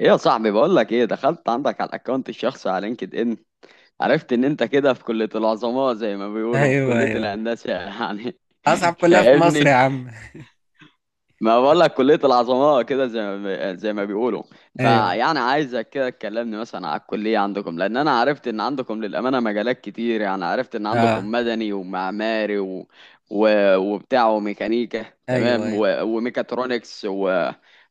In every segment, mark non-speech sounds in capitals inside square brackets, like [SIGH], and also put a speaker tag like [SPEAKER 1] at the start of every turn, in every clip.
[SPEAKER 1] ايه يا صاحبي، بقول لك ايه، دخلت عندك على الاكونت الشخصي على لينكد ان. عرفت ان انت كده في كلية العظماء زي ما بيقولوا، في
[SPEAKER 2] ايوه
[SPEAKER 1] كلية
[SPEAKER 2] ايوه،
[SPEAKER 1] الهندسة يعني.
[SPEAKER 2] اصعب
[SPEAKER 1] [LAUGHS]
[SPEAKER 2] كلها في مصر
[SPEAKER 1] فاهمني.
[SPEAKER 2] يا عم.
[SPEAKER 1] ما بقول لك كلية العظماء كده زي ما بيقولوا.
[SPEAKER 2] ايوه.
[SPEAKER 1] فيعني عايزك كده تكلمني مثلا على الكلية عندكم، لأن أنا عرفت إن عندكم للأمانة مجالات كتير. يعني عرفت إن
[SPEAKER 2] اه.
[SPEAKER 1] عندكم مدني ومعماري و... و... وبتاع وميكانيكا،
[SPEAKER 2] ايوه
[SPEAKER 1] تمام،
[SPEAKER 2] ايوه.
[SPEAKER 1] و... وميكاترونكس، و...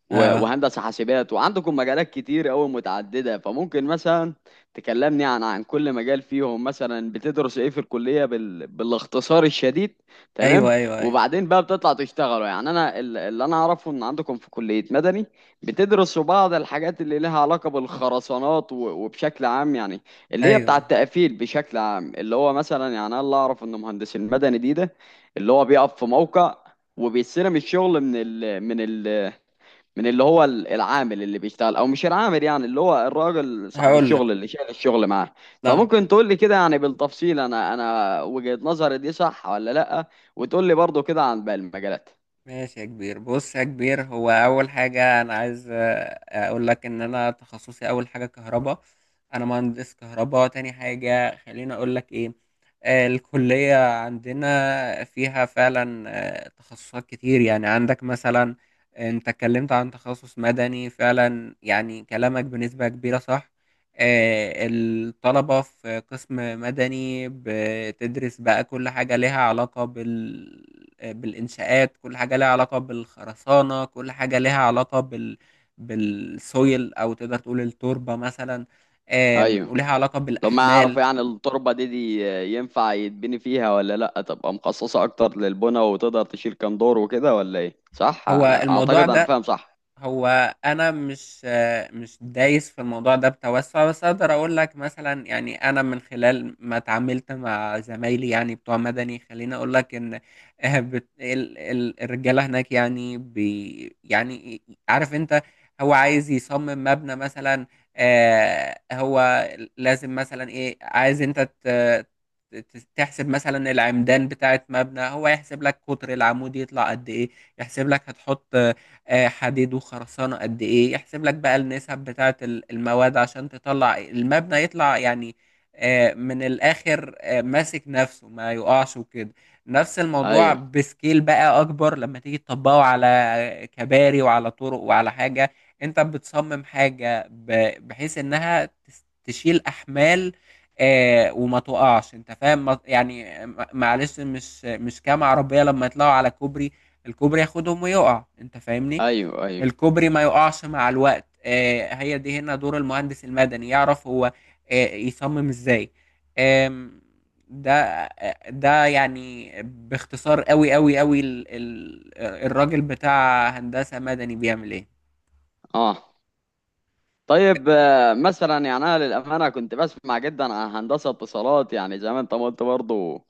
[SPEAKER 1] و...
[SPEAKER 2] اه.
[SPEAKER 1] وهندسة حاسبات، وعندكم مجالات كتير أوي متعددة. فممكن مثلا تكلمني عن كل مجال فيهم، مثلا بتدرس إيه في الكلية بال... بالاختصار الشديد، تمام.
[SPEAKER 2] ايوه ايوه ايوه
[SPEAKER 1] وبعدين بقى بتطلع تشتغلوا يعني. انا اللي انا اعرفه ان عندكم في كلية مدني بتدرسوا بعض الحاجات اللي لها علاقة بالخرسانات و- وبشكل عام يعني، اللي هي بتاع
[SPEAKER 2] ايوه.
[SPEAKER 1] التقفيل بشكل عام، اللي هو مثلا يعني انا اللي اعرف ان مهندس المدني ده اللي هو بيقف في موقع وبيستلم الشغل من اللي هو العامل اللي بيشتغل، او مش العامل يعني، اللي هو الراجل صاحب
[SPEAKER 2] هقول لك
[SPEAKER 1] الشغل اللي شايل الشغل معاه.
[SPEAKER 2] لا.
[SPEAKER 1] فممكن تقول لي كده يعني بالتفصيل، انا وجهة نظري دي صح ولا لا، وتقول لي برضو كده عن باقي المجالات.
[SPEAKER 2] ماشي يا كبير، بص يا كبير، هو اول حاجه انا عايز اقول لك ان انا تخصصي اول حاجه كهرباء. انا مهندس كهرباء. تاني حاجه خليني اقول لك ايه. الكليه عندنا فيها فعلا تخصصات كتير، يعني عندك مثلا. انت اتكلمت عن تخصص مدني، فعلا يعني كلامك بنسبه كبيره صح. الطلبة في قسم مدني بتدرس بقى كل حاجة لها علاقة بالإنشاءات، كل حاجة لها علاقة بالخرسانة، كل حاجة لها علاقة بالسويل أو تقدر تقول التربة مثلا،
[SPEAKER 1] ايوه.
[SPEAKER 2] ولها علاقة
[SPEAKER 1] طب ما اعرف
[SPEAKER 2] بالأحمال.
[SPEAKER 1] يعني التربة دي ينفع يتبني فيها ولا لا، تبقى مخصصة اكتر للبنى وتقدر تشيل كام دور وكده ولا ايه؟ صح؟
[SPEAKER 2] هو
[SPEAKER 1] انا
[SPEAKER 2] الموضوع
[SPEAKER 1] اعتقد انا
[SPEAKER 2] ده
[SPEAKER 1] فاهم صح.
[SPEAKER 2] هو انا مش دايس في الموضوع ده بتوسع، بس اقدر اقول لك مثلا، يعني انا من خلال ما اتعاملت مع زمايلي يعني بتوع مدني، خليني اقول لك ان الرجاله هناك يعني يعني عارف انت، هو عايز يصمم مبنى مثلا. هو لازم مثلا ايه، عايز انت تحسب مثلا العمدان بتاعت مبنى، هو يحسب لك قطر العمود يطلع قد ايه، يحسب لك هتحط حديد وخرسانة قد ايه، يحسب لك بقى النسب بتاعة المواد عشان تطلع المبنى يطلع يعني من الاخر ماسك نفسه ما يقعش وكده. نفس الموضوع
[SPEAKER 1] ايوه
[SPEAKER 2] بسكيل بقى اكبر لما تيجي تطبقه على كباري وعلى طرق وعلى حاجة. انت بتصمم حاجة بحيث انها تشيل احمال وما تقعش، انت فاهم معلش، مش كام عربية لما يطلعوا على كوبري، الكوبري ياخدهم ويقع، انت فاهمني.
[SPEAKER 1] ايوه ايوه.
[SPEAKER 2] الكوبري ما يقعش مع الوقت. هي دي هنا دور المهندس المدني، يعرف هو يصمم ازاي. آم، ده آه، ده يعني باختصار قوي قوي قوي الراجل بتاع هندسة مدني بيعمل ايه.
[SPEAKER 1] اه. طيب مثلا يعني انا للامانه كنت بسمع جدا عن هندسه اتصالات، يعني زي ما انت ما قلت برضه.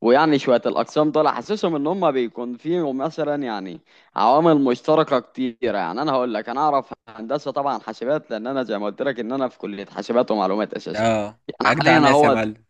[SPEAKER 1] ويعني شويه الاقسام دول حاسسهم ان هم بيكون فيهم مثلا يعني عوامل مشتركه كتيره. يعني انا هقول لك، انا اعرف هندسه طبعا حاسبات لان انا زي ما قلت لك ان انا في كليه حاسبات ومعلومات اساسا
[SPEAKER 2] اه.
[SPEAKER 1] يعني،
[SPEAKER 2] اجدع
[SPEAKER 1] حاليا
[SPEAKER 2] ناس يا
[SPEAKER 1] اهو.
[SPEAKER 2] معلم.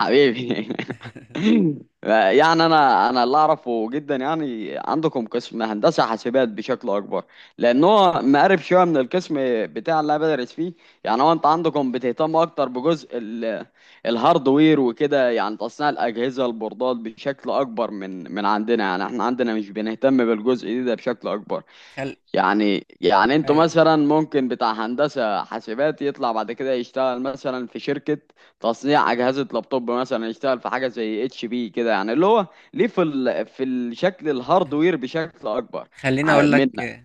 [SPEAKER 1] حبيبي.
[SPEAKER 2] [LAUGHS]
[SPEAKER 1] [LAUGHS] يعني انا اللي اعرفه جدا يعني عندكم قسم هندسه حاسبات بشكل اكبر، لان هو مقارب شويه من القسم بتاع اللي انا بدرس فيه. يعني هو انت عندكم بتهتم اكتر بجزء الهاردوير وكده، يعني تصنيع الاجهزه البوردات بشكل اكبر من عندنا، يعني احنا عندنا مش بنهتم بالجزء ده بشكل اكبر.
[SPEAKER 2] خل
[SPEAKER 1] يعني انتوا
[SPEAKER 2] ايوه،
[SPEAKER 1] مثلا ممكن بتاع هندسة حاسبات يطلع بعد كده يشتغل مثلا في شركة تصنيع أجهزة لابتوب، مثلا يشتغل في حاجة زي اتش بي كده، يعني اللي هو ليه في ال... في الشكل الهاردوير بشكل أكبر.
[SPEAKER 2] خليني
[SPEAKER 1] ع-
[SPEAKER 2] اقول
[SPEAKER 1] منا
[SPEAKER 2] لك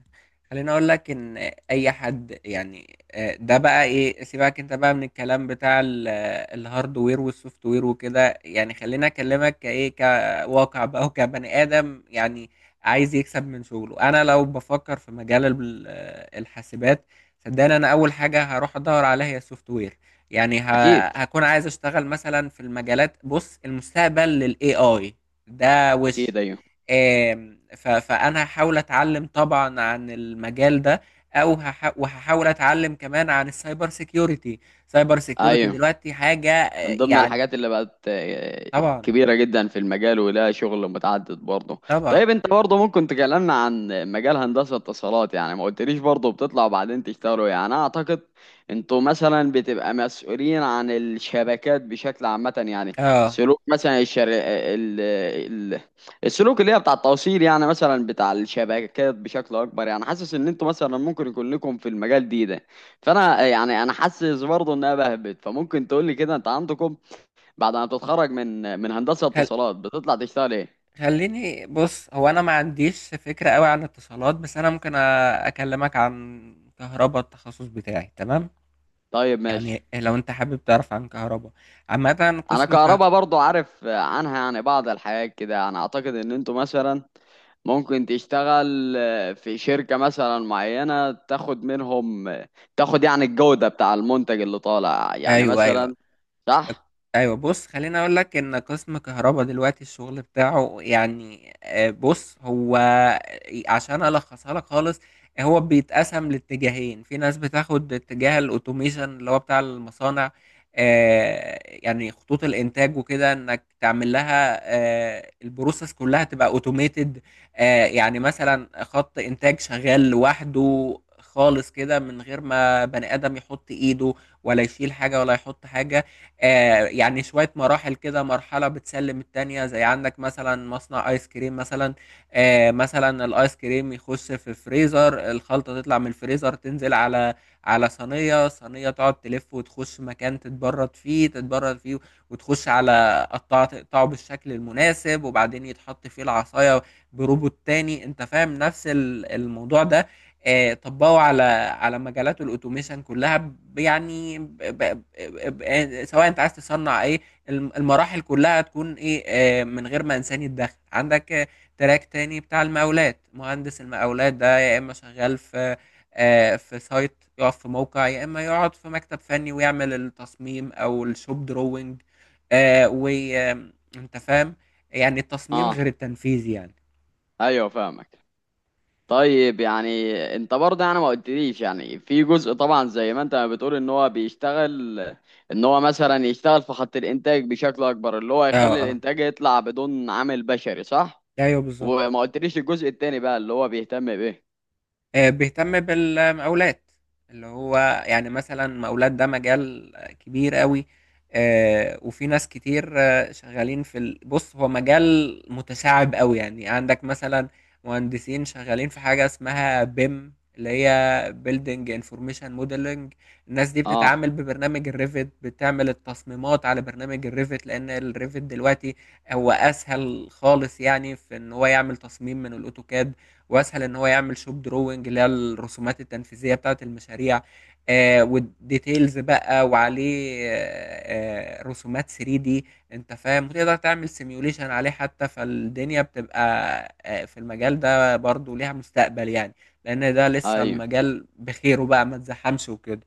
[SPEAKER 2] خليني اقول لك ان اي حد يعني ده بقى ايه، سيبك انت بقى من الكلام بتاع الهاردوير والسوفت وير وكده، يعني خليني اكلمك كايه كواقع بقى وكبني ادم. يعني عايز يكسب من شغله. انا لو بفكر في مجال الحاسبات، صدقني انا اول حاجه هروح ادور عليها هي السوفت وير. يعني
[SPEAKER 1] أكيد.
[SPEAKER 2] هكون عايز اشتغل مثلا في المجالات، بص المستقبل للاي اي ده وش.
[SPEAKER 1] أكيد أيوه.
[SPEAKER 2] فانا هحاول اتعلم طبعا عن المجال ده، او وهحاول اتعلم كمان عن السايبر سيكيورتي. سايبر سيكيورتي
[SPEAKER 1] أيوه،
[SPEAKER 2] دلوقتي حاجة
[SPEAKER 1] من ضمن
[SPEAKER 2] يعني.
[SPEAKER 1] الحاجات اللي بقت
[SPEAKER 2] طبعا.
[SPEAKER 1] كبيرة جدا في المجال ولها شغل متعدد برضه.
[SPEAKER 2] طبعا.
[SPEAKER 1] طيب انت برضه ممكن تكلمنا عن مجال هندسة اتصالات؟ يعني ما قلتليش برضه بتطلع وبعدين تشتغلوا يعني. انا اعتقد انتوا مثلا بتبقى مسؤولين عن الشبكات بشكل عامة يعني،
[SPEAKER 2] اه.
[SPEAKER 1] سلوك مثلا الشر... آه، ال... ال... السلوك اللي هي بتاع التوصيل، يعني مثلا بتاع الشبكات بشكل اكبر. يعني حاسس ان انتوا مثلا ممكن يكون لكم في المجال ده. فانا يعني انا حاسس برضه انها بهبت. فممكن تقول لي كده انت عندكم بعد ما بتتخرج من هندسه
[SPEAKER 2] خل-
[SPEAKER 1] اتصالات بتطلع تشتغل ايه؟
[SPEAKER 2] خليني بص، هو انا ما عنديش فكرة قوي عن اتصالات، بس انا ممكن اكلمك عن كهرباء التخصص بتاعي، تمام؟
[SPEAKER 1] طيب
[SPEAKER 2] يعني
[SPEAKER 1] ماشي.
[SPEAKER 2] لو انت حابب تعرف عن كهرباء عامة،
[SPEAKER 1] انا
[SPEAKER 2] قسم
[SPEAKER 1] كهربا برضه عارف عنها يعني بعض الحاجات كده. انا اعتقد ان انتوا مثلا ممكن تشتغل في شركه مثلا معينه، تاخد منهم تاخد يعني الجوده بتاع المنتج اللي طالع يعني
[SPEAKER 2] ايوه ايوه
[SPEAKER 1] مثلا، صح؟
[SPEAKER 2] ايوه. بص خليني اقول لك ان قسم كهرباء دلوقتي الشغل بتاعه يعني آه، بص هو آه، عشان الخصها لك خالص، هو بيتقسم لاتجاهين. في ناس بتاخد اتجاه الاوتوميشن، اللي هو بتاع المصانع، يعني خطوط الانتاج وكده، انك تعمل لها البروسيس كلها تبقى اوتوميتد. يعني مثلا خط انتاج شغال لوحده خالص كده من غير ما بني ادم يحط ايده، ولا يشيل حاجه ولا يحط حاجه. يعني شوية مراحل كده مرحلة بتسلم التانية، زي عندك مثلا مصنع ايس كريم مثلا. مثلا الايس كريم يخش في الفريزر، الخلطة تطلع من الفريزر تنزل على صينية، صينية تقعد تلف وتخش مكان تتبرد فيه، وتخش على قطعة تقطعه بالشكل المناسب، وبعدين يتحط فيه العصاية بروبوت تاني، انت فاهم نفس الموضوع ده طبقوا على مجالات الاوتوميشن كلها سواء انت عايز تصنع ايه، المراحل كلها تكون ايه، من غير ما انسان يتدخل. عندك تراك تاني بتاع المقاولات، مهندس المقاولات ده يا اما شغال في في سايت، يقف في موقع، يا اما يقعد في مكتب فني ويعمل التصميم او الشوب دروينج، وانت فاهم يعني التصميم غير
[SPEAKER 1] اه
[SPEAKER 2] التنفيذ يعني.
[SPEAKER 1] ايوه فاهمك. طيب يعني انت برضه يعني ما قلتليش يعني، في جزء طبعا زي ما انت ما بتقول ان هو بيشتغل، ان هو مثلا يشتغل في خط الانتاج بشكل اكبر، اللي هو
[SPEAKER 2] اه.
[SPEAKER 1] يخلي
[SPEAKER 2] اه
[SPEAKER 1] الانتاج يطلع بدون عامل بشري، صح؟
[SPEAKER 2] ايوه بالظبط.
[SPEAKER 1] وما قلتليش الجزء التاني بقى اللي هو بيهتم بايه.
[SPEAKER 2] بيهتم بالمقاولات اللي هو، يعني مثلا مقاولات ده مجال كبير قوي وفي ناس كتير شغالين في بص هو مجال متشعب قوي. يعني عندك مثلا مهندسين شغالين في حاجة اسمها بيم، اللي هي بيلدينج انفورميشن موديلنج. الناس دي
[SPEAKER 1] اه
[SPEAKER 2] بتتعامل ببرنامج الريفت، بتعمل التصميمات على برنامج الريفت، لان الريفت دلوقتي هو اسهل خالص، يعني في ان هو يعمل تصميم من الاوتوكاد، واسهل ان هو يعمل شوب دروينج اللي هي الرسومات التنفيذيه بتاعه المشاريع والديتيلز بقى، وعليه رسومات 3 دي، انت فاهم، وتقدر تعمل سيميوليشن عليه حتى. فالدنيا بتبقى في المجال ده برضو ليها مستقبل يعني، لان ده لسه
[SPEAKER 1] ايوه
[SPEAKER 2] المجال بخيره بقى، ما تزحمش وكده.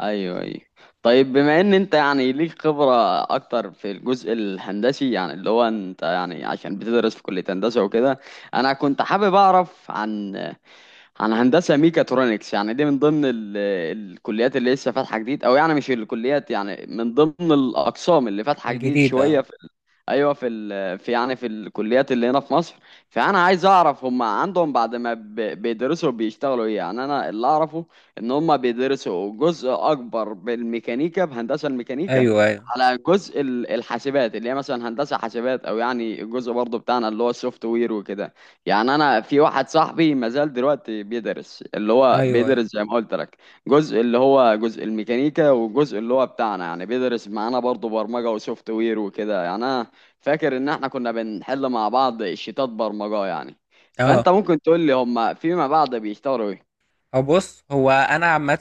[SPEAKER 1] ايوه ايوه. طيب بما ان انت يعني ليك خبرة اكتر في الجزء الهندسي، يعني اللي هو انت يعني عشان بتدرس في كلية هندسة وكده، انا كنت حابب اعرف عن عن هندسة ميكاترونكس، يعني دي من ضمن ال... الكليات اللي لسه فاتحة جديد، او يعني مش الكليات يعني، من ضمن الاقسام اللي فاتحة جديد
[SPEAKER 2] الجديد اه.
[SPEAKER 1] شوية ايوه، في ال... في يعني في الكليات اللي هنا في مصر. فانا عايز اعرف هم عندهم بعد ما ب... بيدرسوا بيشتغلوا ايه؟ يعني انا اللي اعرفه ان هم بيدرسوا جزء اكبر بالميكانيكا، بهندسه الميكانيكا،
[SPEAKER 2] ايوه ايوه
[SPEAKER 1] على جزء الحاسبات اللي هي مثلا هندسه حاسبات، او يعني الجزء برضه بتاعنا اللي هو السوفت وير وكده. يعني انا في واحد صاحبي ما زال دلوقتي بيدرس، اللي هو
[SPEAKER 2] ايوه
[SPEAKER 1] بيدرس
[SPEAKER 2] ايوه.
[SPEAKER 1] زي ما قلت لك جزء اللي هو جزء الميكانيكا وجزء اللي هو بتاعنا، يعني بيدرس معانا برضه برمجه وسوفت وير وكده. يعني انا فاكر ان احنا كنا بنحل مع بعض شيتات برمجة يعني.
[SPEAKER 2] اه.
[SPEAKER 1] فانت ممكن تقول لي هما فيما بعد بيشتغلوا ايه؟
[SPEAKER 2] هو بص هو انا عامه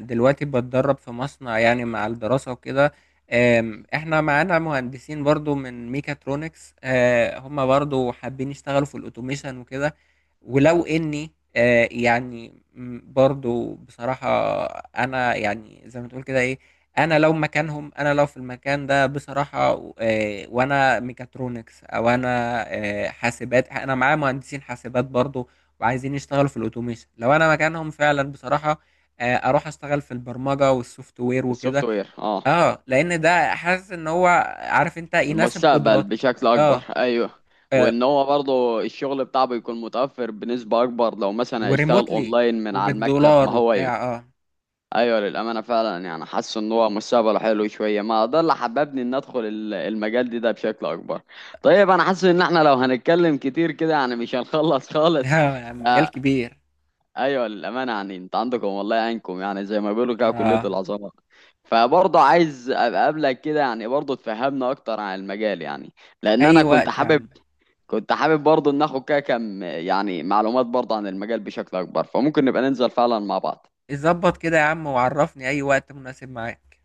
[SPEAKER 2] دلوقتي بتدرب في مصنع يعني مع الدراسه وكده. احنا معانا مهندسين برضو من ميكاترونكس، هم برضو حابين يشتغلوا في الاوتوميشن وكده، ولو اني برضو بصراحة، انا يعني زي ما تقول كده ايه، انا لو مكانهم، انا لو في المكان ده بصراحة وانا ميكاترونكس، او انا حاسبات، انا معايا مهندسين حاسبات برضو وعايزين يشتغلوا في الاوتوميشن، لو انا مكانهم فعلا بصراحة اروح اشتغل في البرمجة والسوفت وير
[SPEAKER 1] السوفت
[SPEAKER 2] وكده.
[SPEAKER 1] وير، اه.
[SPEAKER 2] اه لان ده حاسس ان هو، عارف انت، يناسب
[SPEAKER 1] المستقبل
[SPEAKER 2] قدراتي.
[SPEAKER 1] بشكل اكبر،
[SPEAKER 2] اه.
[SPEAKER 1] ايوه.
[SPEAKER 2] آه
[SPEAKER 1] وان هو برضه الشغل بتاعه بيكون متوفر بنسبة اكبر لو مثلا هيشتغل
[SPEAKER 2] وريموتلي
[SPEAKER 1] اونلاين من على المكتب،
[SPEAKER 2] وبالدولار
[SPEAKER 1] ما هو ايوه.
[SPEAKER 2] وبتاع، اه.
[SPEAKER 1] ايوه للامانه فعلا، يعني حاسس ان هو مستقبله حلو شويه، ما ده اللي حببني ان ادخل المجال ده بشكل اكبر. طيب انا حاسس ان احنا لو هنتكلم كتير كده يعني مش هنخلص
[SPEAKER 2] آه
[SPEAKER 1] خالص.
[SPEAKER 2] يا عم مجال كبير.
[SPEAKER 1] ايوه للامانه، يعني انت عندكم والله عينكم يعني زي ما بيقولوا كده كليه
[SPEAKER 2] اه.
[SPEAKER 1] العظمه. فبرضه عايز ابقى قبلك كده يعني برضه تفهمنا اكتر عن المجال يعني، لان
[SPEAKER 2] اي
[SPEAKER 1] انا كنت
[SPEAKER 2] وقت يا
[SPEAKER 1] حابب،
[SPEAKER 2] عم.
[SPEAKER 1] كنت حابب برضه ناخد كده كم يعني معلومات برضه عن المجال بشكل اكبر، فممكن نبقى ننزل فعلا مع بعض.
[SPEAKER 2] ظبط كده يا عم وعرفني اي وقت مناسب معاك.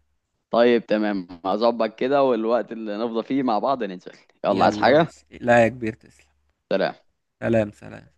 [SPEAKER 1] طيب تمام، هظبط كده، والوقت اللي نفضى فيه مع بعض ننزل. يلا، عايز
[SPEAKER 2] يلا
[SPEAKER 1] حاجه؟
[SPEAKER 2] ماشي، لا يا كبير تسلم.
[SPEAKER 1] سلام.
[SPEAKER 2] سلام. سلام.